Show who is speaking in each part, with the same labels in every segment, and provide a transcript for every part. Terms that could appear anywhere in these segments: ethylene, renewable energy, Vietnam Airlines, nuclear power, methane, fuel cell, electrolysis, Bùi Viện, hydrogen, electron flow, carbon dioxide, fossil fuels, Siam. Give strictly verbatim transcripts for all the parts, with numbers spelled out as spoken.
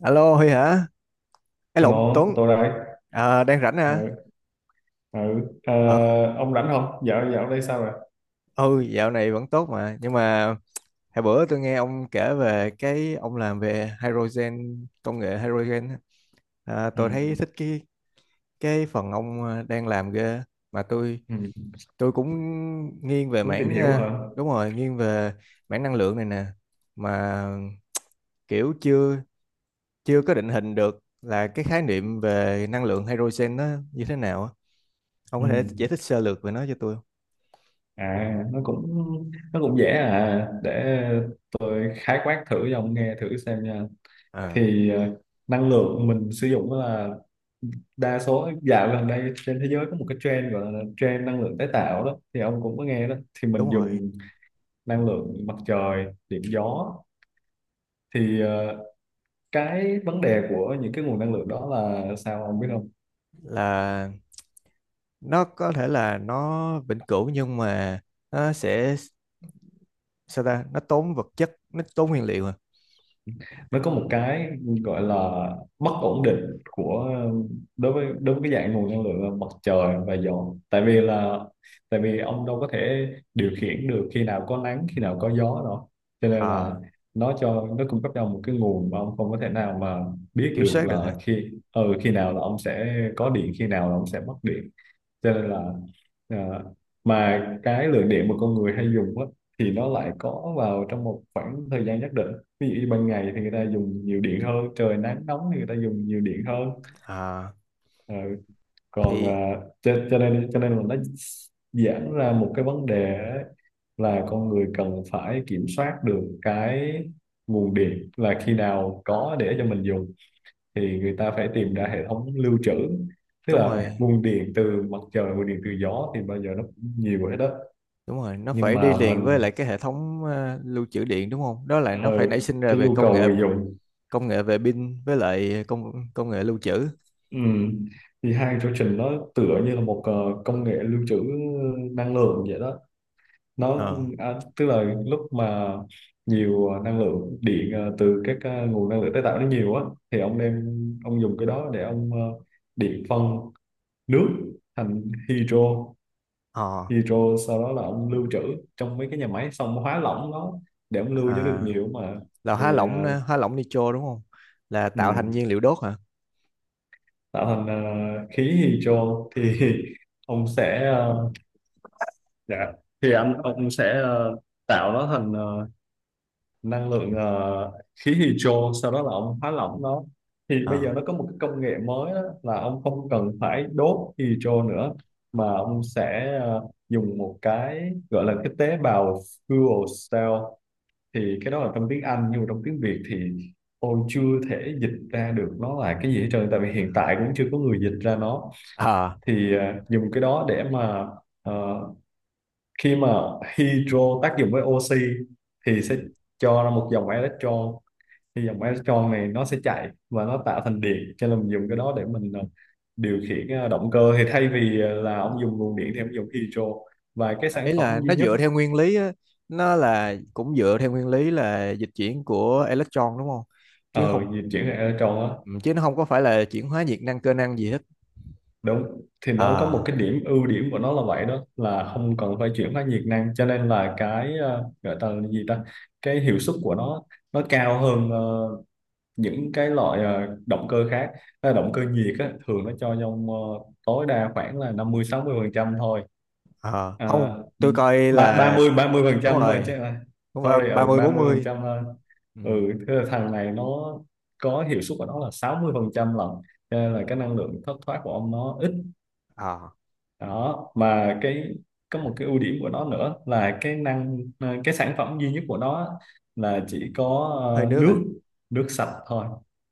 Speaker 1: Alo Huy hả? Ấy lộn
Speaker 2: Alo,
Speaker 1: Tuấn.
Speaker 2: tôi đây.
Speaker 1: Ờ, đang rảnh hả?
Speaker 2: Ừ, ừ. Ờ,
Speaker 1: Ờ,
Speaker 2: ông rảnh không? Dạo dạo đây sao rồi?
Speaker 1: ừ, dạo này vẫn tốt mà, nhưng mà hồi bữa tôi nghe ông kể về cái ông làm về hydrogen, công nghệ hydrogen á. À,
Speaker 2: Ừ.
Speaker 1: tôi thấy thích cái cái phần ông ờ, đang làm ghê. Mà tôi
Speaker 2: Ừ.
Speaker 1: tôi cũng nghiêng về
Speaker 2: Muốn tìm
Speaker 1: mảng
Speaker 2: hiểu
Speaker 1: ờ,
Speaker 2: hả?
Speaker 1: đúng rồi, nghiêng về mảng năng lượng này nè. Mà kiểu chưa chưa có định hình được là cái khái niệm về năng lượng hydrogen nó như thế nào á. Ông
Speaker 2: Ừ.
Speaker 1: có thể giải thích sơ lược về nó cho tôi không?
Speaker 2: À, nó cũng nó cũng dễ à. Để tôi khái quát thử cho ông nghe thử xem nha.
Speaker 1: Ờ,
Speaker 2: Thì ờ, năng lượng mình sử dụng đó là đa số dạo gần đây trên thế giới có một cái trend gọi là trend năng lượng tái tạo đó. Thì ông cũng có nghe đó. Thì mình
Speaker 1: đúng rồi,
Speaker 2: dùng năng lượng mặt trời, điện gió. Thì ờ, cái vấn đề của những cái nguồn năng lượng đó là sao ông biết không,
Speaker 1: là nó có thể là nó vĩnh cửu nhưng mà nó sẽ, sao ta, nó tốn vật chất, nó tốn nguyên liệu à.
Speaker 2: nó có một cái gọi là bất ổn định của, đối với đối với cái dạng nguồn năng lượng là mặt trời và gió, tại vì là tại vì ông đâu có thể điều khiển được khi nào có nắng khi nào có gió đâu, cho nên là
Speaker 1: Ờ,
Speaker 2: nó cho nó cung cấp cho ông một cái nguồn mà ông không có thể nào mà biết
Speaker 1: kiểm
Speaker 2: được
Speaker 1: soát được hả.
Speaker 2: là khi ừ, khi nào là ông sẽ có điện khi nào là ông sẽ mất điện, cho nên là à, mà cái lượng điện mà con người hay dùng á thì nó lại có vào trong một khoảng thời gian nhất định, ví dụ như ban ngày thì người ta dùng nhiều điện hơn, trời nắng nóng thì người ta dùng nhiều điện hơn.
Speaker 1: Ờ,
Speaker 2: Ờ, còn
Speaker 1: thì
Speaker 2: à, cho, cho nên cho nên là nó giãn ra một cái vấn đề ấy, là con người cần phải kiểm soát được cái nguồn điện là khi nào có để cho mình dùng, thì người ta phải tìm ra hệ thống lưu trữ. Tức
Speaker 1: đúng
Speaker 2: là
Speaker 1: rồi,
Speaker 2: nguồn điện từ mặt trời, nguồn điện từ gió thì bao giờ nó cũng nhiều hết đó,
Speaker 1: đúng rồi, nó
Speaker 2: nhưng
Speaker 1: phải đi
Speaker 2: mà
Speaker 1: liền với
Speaker 2: mình
Speaker 1: lại cái hệ thống ờ, lưu trữ điện đúng không, đó là nó
Speaker 2: ờ,
Speaker 1: phải nảy sinh ra
Speaker 2: cái
Speaker 1: về
Speaker 2: nhu
Speaker 1: công
Speaker 2: cầu
Speaker 1: nghệ,
Speaker 2: người dùng
Speaker 1: công nghệ về pin với lại công công nghệ lưu trữ.
Speaker 2: ừm, thì hai chương trình nó tựa như là một ờ, công nghệ lưu trữ năng lượng vậy đó. Nó
Speaker 1: ờ
Speaker 2: à, tức là lúc mà nhiều ờ, năng lượng điện ờ, từ các ờ, nguồn năng lượng tái tạo nó nhiều á, thì ông đem ông dùng cái đó để ông ờ, điện phân nước thành hydro,
Speaker 1: ờ
Speaker 2: thì rồi sau đó là ông lưu trữ trong mấy cái nhà máy, xong ông hóa lỏng nó để ông lưu cho được
Speaker 1: à,
Speaker 2: nhiều mà.
Speaker 1: là hóa
Speaker 2: Thì
Speaker 1: lỏng
Speaker 2: ờ,
Speaker 1: hóa lỏng nitro đúng không, là tạo thành
Speaker 2: ừ,
Speaker 1: nhiên liệu đốt hả.
Speaker 2: tạo thành ờ, khí hydro thì ông sẽ ờ, dạ, thì anh ông sẽ ờ, tạo nó thành ờ, năng lượng ờ, khí hydro, sau đó là ông hóa lỏng nó. Thì bây
Speaker 1: ờ
Speaker 2: giờ nó có một cái công nghệ mới đó, là ông không cần phải đốt hydro nữa, mà ông sẽ ờ, dùng một cái gọi là cái tế bào fuel cell. Thì cái đó là trong tiếng Anh nhưng mà trong tiếng Việt thì tôi chưa thể dịch ra được nó là cái gì hết trơn, tại vì hiện tại cũng chưa có người dịch ra nó.
Speaker 1: Ờ.
Speaker 2: Thì à, dùng cái đó để mà ờ, khi mà hydro tác dụng với oxy thì sẽ cho ra một dòng electron, thì dòng electron này nó sẽ chạy và nó tạo thành điện, cho nên mình dùng cái đó để mình ờ, điều khiển ờ, động cơ. Thì thay vì ờ, là ông dùng nguồn điện thì ông dùng hydro, và cái
Speaker 1: À,
Speaker 2: sản
Speaker 1: ý
Speaker 2: phẩm
Speaker 1: là
Speaker 2: duy
Speaker 1: nó
Speaker 2: nhất
Speaker 1: dựa theo nguyên lý á, nó là cũng dựa theo nguyên lý là dịch chuyển của electron đúng không, chứ
Speaker 2: ờ
Speaker 1: không
Speaker 2: di chuyển electron á.
Speaker 1: ừ, chứ nó không có phải là chuyển hóa nhiệt năng cơ năng gì hết.
Speaker 2: Đúng, thì nó có một
Speaker 1: à,
Speaker 2: cái điểm, ưu điểm của nó là vậy đó, là không cần phải chuyển hóa nhiệt năng, cho nên là cái ờ, gọi ta là gì ta, cái hiệu suất của nó nó cao hơn ờ, những cái loại ờ, động cơ khác. Ờ, động cơ nhiệt á, thường nó cho trong ờ, tối đa khoảng là năm mươi sáu mươi phần trăm thôi,
Speaker 1: à
Speaker 2: à,
Speaker 1: không, tôi coi
Speaker 2: ba-
Speaker 1: là
Speaker 2: 30 ba mươi phần
Speaker 1: đúng
Speaker 2: trăm thôi
Speaker 1: rồi,
Speaker 2: chứ là
Speaker 1: đúng rồi,
Speaker 2: sorry,
Speaker 1: ba
Speaker 2: ở
Speaker 1: mươi
Speaker 2: ba
Speaker 1: bốn
Speaker 2: mươi phần
Speaker 1: mươi
Speaker 2: trăm thôi.
Speaker 1: Ừ.
Speaker 2: Ừ. Thế là thằng này nó có hiệu suất của nó là sáu mươi phần trăm lần, cho nên
Speaker 1: Ừ.
Speaker 2: là cái năng lượng thất thoát của ông nó ít.
Speaker 1: à,
Speaker 2: Đó mà cái, có một cái ưu điểm của nó nữa là cái năng ờ, cái sản phẩm duy nhất của nó là chỉ có
Speaker 1: hơi
Speaker 2: ờ,
Speaker 1: nước
Speaker 2: nước
Speaker 1: à
Speaker 2: nước sạch thôi.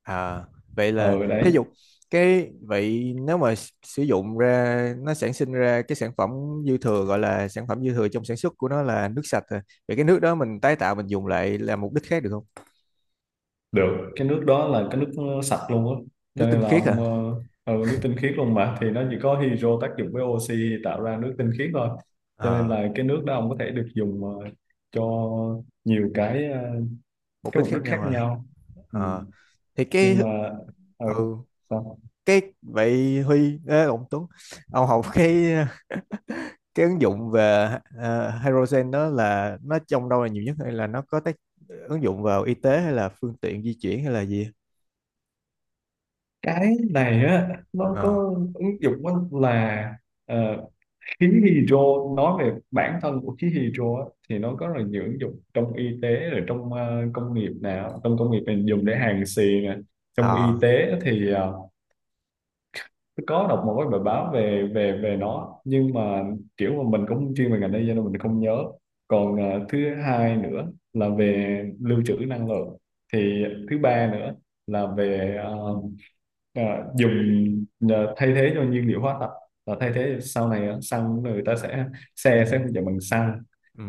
Speaker 1: à vậy là
Speaker 2: Ừ
Speaker 1: thí
Speaker 2: đấy,
Speaker 1: dụ cái, vậy nếu mà s- sử dụng ra nó sản sinh ra cái sản phẩm dư thừa, gọi là sản phẩm dư thừa trong sản xuất của nó, là nước sạch à. Vậy cái nước đó mình tái tạo mình dùng lại làm mục đích khác được không?
Speaker 2: được, cái nước đó là cái nước ờ, sạch luôn á,
Speaker 1: Nước
Speaker 2: cho nên
Speaker 1: tinh
Speaker 2: là
Speaker 1: khiết
Speaker 2: ông
Speaker 1: à.
Speaker 2: ờ, ừ, nước tinh khiết luôn mà, thì nó chỉ có hydro tác dụng với oxy tạo ra nước tinh khiết thôi, cho nên
Speaker 1: Ờ,
Speaker 2: là cái nước đó ông có thể được dùng ờ, cho nhiều cái ờ,
Speaker 1: mục
Speaker 2: cái
Speaker 1: đích
Speaker 2: mục
Speaker 1: khác
Speaker 2: đích khác
Speaker 1: nhau à.
Speaker 2: nhau. Ừ.
Speaker 1: Ờ, thì cái
Speaker 2: Nhưng mà ừ,
Speaker 1: ừ
Speaker 2: sao?
Speaker 1: cái vậy Huy ê, ông Tuấn, ông học cái cái ứng dụng về ờ, hydrogen đó là nó trong đâu là nhiều nhất, hay là nó có tác ứng dụng vào y tế hay là phương tiện di chuyển hay là gì.
Speaker 2: Cái này á nó
Speaker 1: ờ
Speaker 2: có ứng dụng á, là ờ, khí hydro, nói về bản thân của khí hydro á, thì nó có rất là nhiều ứng dụng trong y tế, rồi trong ờ, công nghiệp nào, trong công nghiệp mình dùng để hàn xì nè, trong
Speaker 1: ờ
Speaker 2: y tế thì ờ, tôi có đọc một cái bài báo về về về nó, nhưng mà kiểu mà mình cũng không chuyên về ngành đây cho nên mình không nhớ. Còn à, thứ hai nữa là về lưu trữ năng lượng thì, thứ ba nữa là về à, à, dùng à, thay thế cho nhiên liệu hóa thạch, là thay thế sau này á, xăng, người ta sẽ,
Speaker 1: ừ.
Speaker 2: xe sẽ không chạy bằng xăng,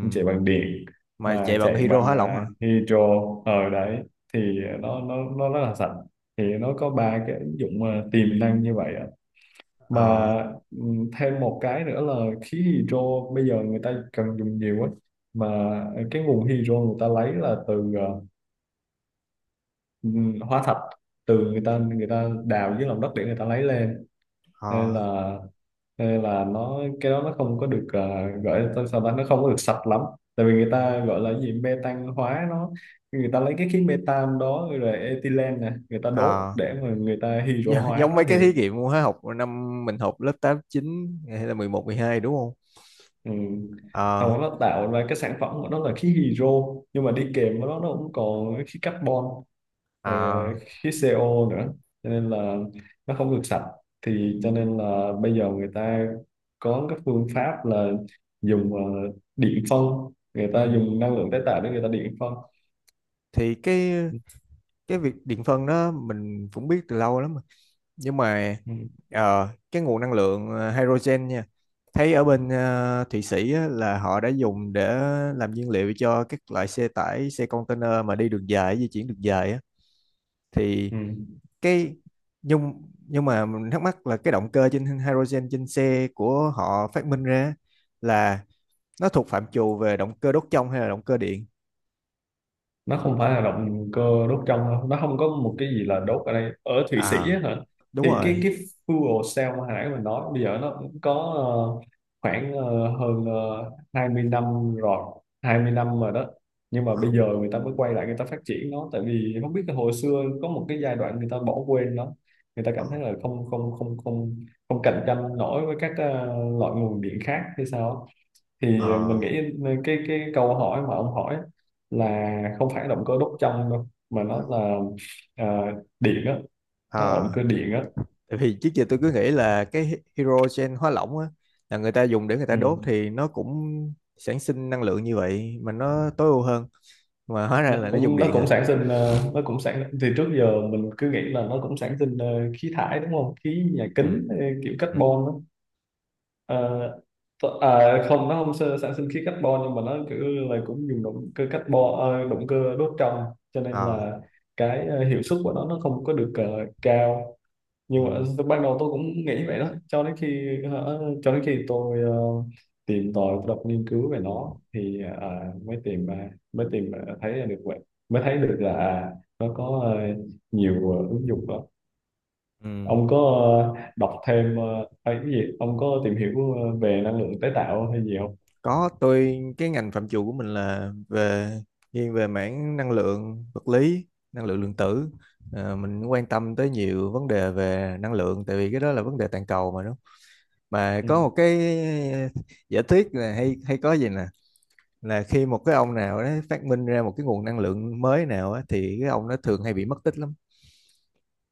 Speaker 2: không chạy bằng điện,
Speaker 1: Mà
Speaker 2: mà
Speaker 1: chạy bằng
Speaker 2: chạy
Speaker 1: hydro
Speaker 2: bằng
Speaker 1: hóa lỏng hả.
Speaker 2: à, hydro ở đấy, thì nó nó nó rất là sạch. Thì nó có ba cái ứng dụng à, tiềm năng như vậy á mà.
Speaker 1: ờ
Speaker 2: Ừm, thêm một cái nữa là, khí hydro bây giờ người ta cần dùng nhiều á, mà cái nguồn hydro người ta lấy là từ ờ, ừm, hóa thạch, từ người ta người ta đào dưới lòng đất để người ta lấy lên,
Speaker 1: ờ
Speaker 2: nên là nên là nó cái đó nó không có được ờ, gọi là sao ta, nó không có được sạch lắm, tại vì người
Speaker 1: ừ.
Speaker 2: ta gọi là gì, metan hóa nó, người ta lấy cái khí metan đó rồi ethylene nè, người ta đốt
Speaker 1: ờ
Speaker 2: để mà người ta hydro
Speaker 1: Gi-
Speaker 2: hóa
Speaker 1: giống mấy
Speaker 2: nó
Speaker 1: cái
Speaker 2: thì.
Speaker 1: thí nghiệm hóa học năm mình học lớp tám chín, hay là mười một mười hai đúng không.
Speaker 2: Ừ.
Speaker 1: ờ
Speaker 2: Hầu nó tạo ra cái sản phẩm của nó là khí hydro, nhưng mà đi kèm với nó nó cũng còn khí carbon rồi
Speaker 1: à
Speaker 2: ờ, khí xê ô nữa, cho nên là nó không được sạch. Thì cho nên là bây giờ người ta có cái phương pháp là dùng ờ, điện phân, người
Speaker 1: Ừ.
Speaker 2: ta dùng năng lượng tái tạo để người ta điện phân.
Speaker 1: Thì cái
Speaker 2: Ừ.
Speaker 1: cái việc điện phân đó mình cũng biết từ lâu lắm rồi. Nhưng mà
Speaker 2: Ừ.
Speaker 1: ờ, cái nguồn năng lượng ờ, hydrogen nha. Thấy ở bên ờ, Thụy Sĩ á, là họ đã dùng để làm nhiên liệu cho các loại xe tải, xe container mà đi đường dài, di chuyển đường dài á. Thì
Speaker 2: Ừ.
Speaker 1: cái nhưng nhưng mà mình thắc mắc là cái động cơ trên hydrogen trên xe của họ phát minh ra là nó thuộc phạm trù về động cơ đốt trong hay là động cơ điện?
Speaker 2: Nó không phải là động cơ đốt trong đâu, nó không có một cái gì là đốt ở đây, ở Thụy Sĩ
Speaker 1: À,
Speaker 2: á hả.
Speaker 1: đúng
Speaker 2: Thì cái
Speaker 1: rồi.
Speaker 2: cái fuel cell mà hồi nãy mình nói, bây giờ nó cũng có ờ, khoảng ờ, hơn uh, hai mươi năm rồi, hai mươi năm rồi đó. Nhưng mà
Speaker 1: Ờ,
Speaker 2: bây giờ người ta mới quay lại, người ta phát triển nó, tại vì không biết là hồi xưa có một cái giai đoạn người ta bỏ quên nó, người ta
Speaker 1: ờ.
Speaker 2: cảm thấy là không không không không không cạnh tranh nổi với các ờ, loại nguồn điện khác hay sao á.
Speaker 1: Ờ.
Speaker 2: Thì ờ, mình nghĩ cái cái câu hỏi mà ông hỏi là không phải động cơ đốt trong đâu, mà nó là à, điện á, nó là động
Speaker 1: À,
Speaker 2: cơ điện á.
Speaker 1: tại vì trước giờ tôi cứ nghĩ là cái hydrogen hóa lỏng á, là người ta dùng để người ta đốt
Speaker 2: Ừ.
Speaker 1: thì nó cũng sản sinh năng lượng như vậy mà nó tối ưu hơn, mà hóa ra
Speaker 2: Nó
Speaker 1: là nó dùng
Speaker 2: cũng, nó
Speaker 1: điện
Speaker 2: cũng
Speaker 1: à.
Speaker 2: sản sinh ờ, nó cũng sản thì trước giờ mình cứ nghĩ là nó cũng sản sinh ờ, khí thải đúng không, khí nhà
Speaker 1: Ừ.
Speaker 2: kính ờ, kiểu
Speaker 1: Ừ.
Speaker 2: carbon á. Ờ, th- à, Không, nó không sơ- sản sinh khí carbon, nhưng mà nó kiểu là cũng dùng động cơ carbon ờ, động cơ đốt trong, cho nên
Speaker 1: Ờ,
Speaker 2: là cái ờ, hiệu suất của nó nó không có được ờ, cao. Nhưng mà
Speaker 1: Ừ.
Speaker 2: lúc ban đầu tôi cũng nghĩ vậy đó, cho đến khi hả, cho đến khi tôi ờ, tìm tòi đọc nghiên cứu về nó thì à, mới tìm à, mới tìm à, thấy ra được vậy, mới thấy được là à, nó có ờ, nhiều ờ, ứng dụng đó.
Speaker 1: Ừ.
Speaker 2: Ông có ờ, đọc thêm ờ, hay cái gì, ông có tìm hiểu ờ, về năng lượng tái tạo hay gì không?
Speaker 1: Có, tôi cái ngành phạm trù của mình là về nghiêng về mảng năng lượng vật lý, năng lượng lượng tử. Ờ, mình quan tâm tới nhiều vấn đề về năng lượng, tại vì cái đó là vấn đề toàn cầu mà đúng không? Mà
Speaker 2: Ừ.
Speaker 1: có một cái giả thuyết là, hay hay có gì nè, là khi một cái ông nào đó phát minh ra một cái nguồn năng lượng mới nào á, thì cái ông nó thường hay bị mất tích lắm.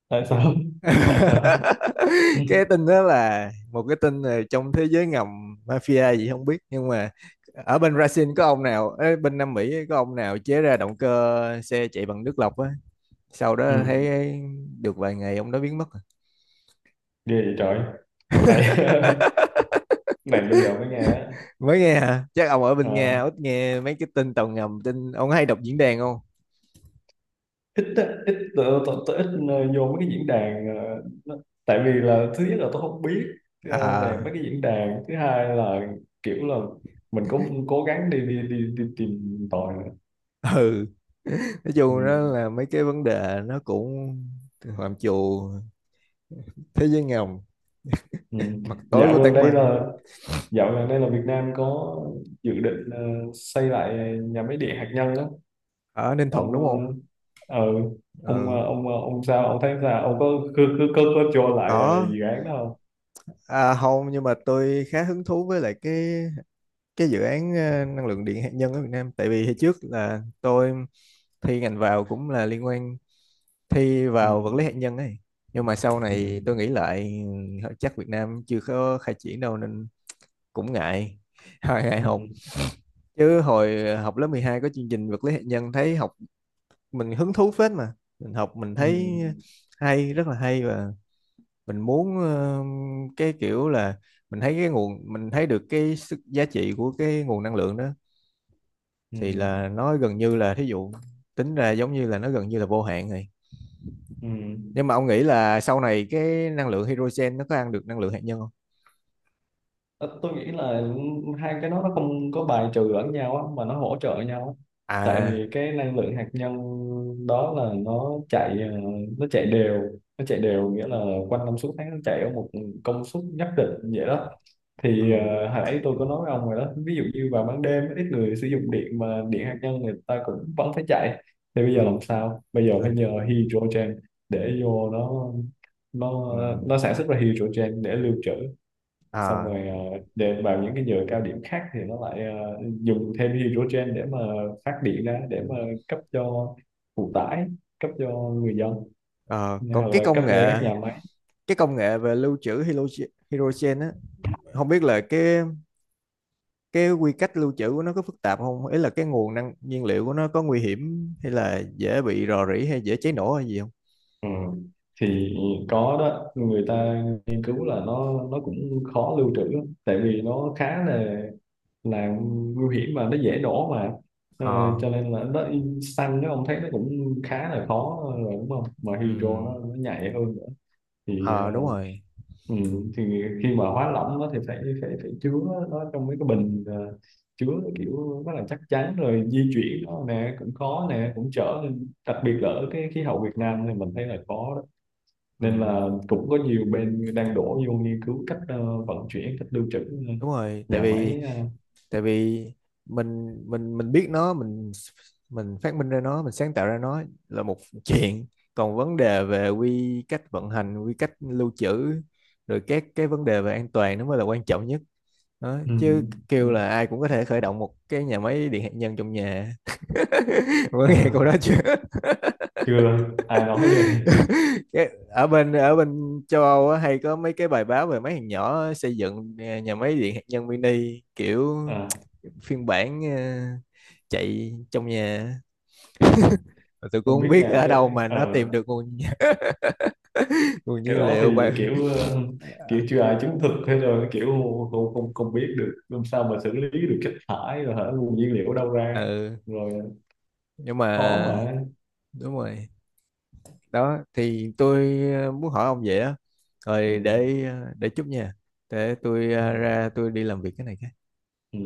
Speaker 2: Tại sao? Tại sao? Ừ.
Speaker 1: Cái tin đó là một cái tin là trong thế giới ngầm, mafia gì không biết, nhưng mà ở bên Brazil có ông nào, ở bên Nam Mỹ có ông nào chế ra động cơ xe chạy bằng nước lọc á, sau
Speaker 2: Ừ.
Speaker 1: đó thấy được vài ngày ông đó biến mất rồi.
Speaker 2: Ghê vậy trời, này, này bây giờ mới nghe á.
Speaker 1: Mới nghe hả, chắc ông ở bên Nga
Speaker 2: À.
Speaker 1: ít nghe mấy cái tin tàu ngầm, tin ông hay đọc diễn đàn không.
Speaker 2: ít á, ít tôi, tôi, tôi ít ờ, vô mấy cái diễn đàn ờ, nó- tại vì là, thứ nhất là tôi không biết ờ, về
Speaker 1: à
Speaker 2: mấy cái diễn đàn, thứ hai là kiểu là mình cũng cố gắng đi đi đi, đi tìm tòi.
Speaker 1: ừ, nói
Speaker 2: Ừ.
Speaker 1: chung đó là mấy cái vấn đề nó cũng phạm trù thế giới ngầm,
Speaker 2: Ừ.
Speaker 1: mặt tối
Speaker 2: dạo
Speaker 1: của
Speaker 2: gần
Speaker 1: tảng
Speaker 2: đây
Speaker 1: băng.
Speaker 2: là dạo gần đây là Việt Nam có dự định ờ, xây lại nhà máy điện hạt nhân đó.
Speaker 1: Ở Ninh Thuận
Speaker 2: ông
Speaker 1: đúng không.
Speaker 2: ờ, ờ, ông
Speaker 1: Ừ,
Speaker 2: ờ, ông ờ, ông sao, ông thấy sao, ông có cứ cứ có, có, cho lại ờ,
Speaker 1: có.
Speaker 2: dự án đó không?
Speaker 1: À, không, nhưng mà tôi khá hứng thú với lại cái cái dự án ờ, năng lượng điện hạt nhân ở Việt Nam, tại vì hồi trước là tôi thi ngành vào cũng là liên quan, thi
Speaker 2: Ừ.
Speaker 1: vào vật lý hạt nhân ấy. Nhưng mà sau này
Speaker 2: Ừ.
Speaker 1: tôi nghĩ lại, ừ, chắc Việt Nam chưa có khai triển đâu nên cũng ngại ngại
Speaker 2: Ừ.
Speaker 1: học. Chứ hồi ờ, học lớp mười hai có chương trình vật lý hạt nhân, thấy học mình hứng thú phết mà. Mình học mình
Speaker 2: Ừ.
Speaker 1: thấy hay, rất là hay. Và mình muốn ờ, cái kiểu là mình thấy cái nguồn, mình thấy được cái sức giá trị của cái nguồn năng lượng đó, thì
Speaker 2: Ừ,
Speaker 1: là nó gần như là thí dụ tính ra giống như là nó gần như là vô hạn rồi.
Speaker 2: ừ.
Speaker 1: Nhưng mà ông nghĩ là sau này cái năng lượng hydrogen nó có ăn được năng lượng hạt nhân không?
Speaker 2: Ờ, tôi nghĩ là hai cái đó nó không có bài trừ lẫn nhau á, mà nó hỗ trợ nhau á. Tại
Speaker 1: À.
Speaker 2: vì cái năng lượng hạt nhân đó là nó chạy ờ, nó chạy đều, nó chạy đều nghĩa là quanh năm suốt tháng nó chạy ở một công suất nhất định vậy đó.
Speaker 1: Ừ.
Speaker 2: Thì ờ, hồi nãy tôi có nói với ông rồi đó, ví dụ như vào ban đêm ít người sử dụng điện, mà điện hạt nhân người ta cũng vẫn phải chạy, thì bây
Speaker 1: Ừ.
Speaker 2: giờ làm sao, bây giờ phải
Speaker 1: là-
Speaker 2: nhờ hydrogen để vô nó
Speaker 1: ừ.
Speaker 2: nó nó sản xuất ra hydrogen để lưu trữ, xong
Speaker 1: À.
Speaker 2: rồi ờ, để vào những cái giờ cao điểm khác thì nó lại ờ, dùng thêm hydrogen để mà phát điện ra,
Speaker 1: Ừ.
Speaker 2: để mà cấp cho phụ tải, cấp cho người dân
Speaker 1: Ờ, còn
Speaker 2: hoặc
Speaker 1: cái
Speaker 2: là cấp
Speaker 1: công
Speaker 2: cho các
Speaker 1: nghệ,
Speaker 2: nhà máy.
Speaker 1: cái công nghệ về lưu trữ hydrogen hydrogen á, không biết là cái cái quy cách lưu trữ của nó có phức tạp không, ý là cái nguồn năng nhiên liệu của nó có nguy hiểm hay là dễ bị rò rỉ hay dễ cháy nổ hay gì không.
Speaker 2: Ừ. Thì có đó, người ta nghiên cứu là nó nó cũng khó lưu trữ lắm, tại vì nó khá là là nguy hiểm, mà nó dễ nổ mà. Ờ,
Speaker 1: Ờ.
Speaker 2: cho nên là nó, xăng nó ông thấy nó cũng khá là khó rồi đúng không, mà
Speaker 1: Ừ.
Speaker 2: hydro nó, nó nhạy hơn nữa. Thì ờ,
Speaker 1: Ờ, đúng rồi.
Speaker 2: ừ, thì khi mà hóa lỏng nó thì phải phải phải chứa nó trong mấy cái bình ờ, chứa kiểu rất là chắc chắn, rồi di chuyển nó nè cũng khó nè cũng chở, nên đặc biệt là ở cái khí hậu Việt Nam thì mình thấy là khó đó,
Speaker 1: Ừ,
Speaker 2: nên là cũng có nhiều bên đang đổ vô nghiên cứu cách ờ, vận chuyển, cách lưu trữ, ờ,
Speaker 1: đúng rồi, tại
Speaker 2: nhà
Speaker 1: vì,
Speaker 2: máy ờ,
Speaker 1: tại vì mình mình mình biết nó, mình mình phát minh ra nó, mình sáng tạo ra nó là một chuyện. Còn vấn đề về quy cách vận hành, quy cách lưu trữ, rồi các cái vấn đề về an toàn nó mới là quan trọng nhất đó
Speaker 2: ừ,
Speaker 1: chứ. Kêu là ai cũng có thể khởi động một cái nhà máy điện hạt nhân trong nhà, có
Speaker 2: ờ,
Speaker 1: nghe câu đó chưa.
Speaker 2: chưa ai nói vậy.
Speaker 1: Cái- ở bên, ở bên châu Âu á, hay có mấy cái bài báo về mấy thằng nhỏ xây dựng à, nhà máy điện hạt nhân mini kiểu
Speaker 2: Ờ,
Speaker 1: phiên bản à, chạy trong nhà. Mà tôi cũng
Speaker 2: không
Speaker 1: không
Speaker 2: biết
Speaker 1: biết
Speaker 2: nhà
Speaker 1: ở
Speaker 2: cái
Speaker 1: đâu mà
Speaker 2: ờ
Speaker 1: nó tìm được nguồn nguồn
Speaker 2: cái
Speaker 1: nhiên
Speaker 2: đó thì
Speaker 1: liệu bài.
Speaker 2: kiểu ờ,
Speaker 1: Ờ,
Speaker 2: kiểu chưa ai chứng thực thế, rồi kiểu không không không biết được, làm sao mà xử lý được chất thải rồi hả, nguồn nhiên liệu ở đâu ra
Speaker 1: ừ,
Speaker 2: rồi,
Speaker 1: nhưng
Speaker 2: khó
Speaker 1: mà
Speaker 2: mà.
Speaker 1: đúng rồi. Đó thì tôi ờ, muốn hỏi ông vậy á,
Speaker 2: Ừ.
Speaker 1: rồi để ờ, để chút nha. Để tôi
Speaker 2: Ừ.
Speaker 1: ờ, ra tôi đi làm việc cái này.
Speaker 2: Ừ.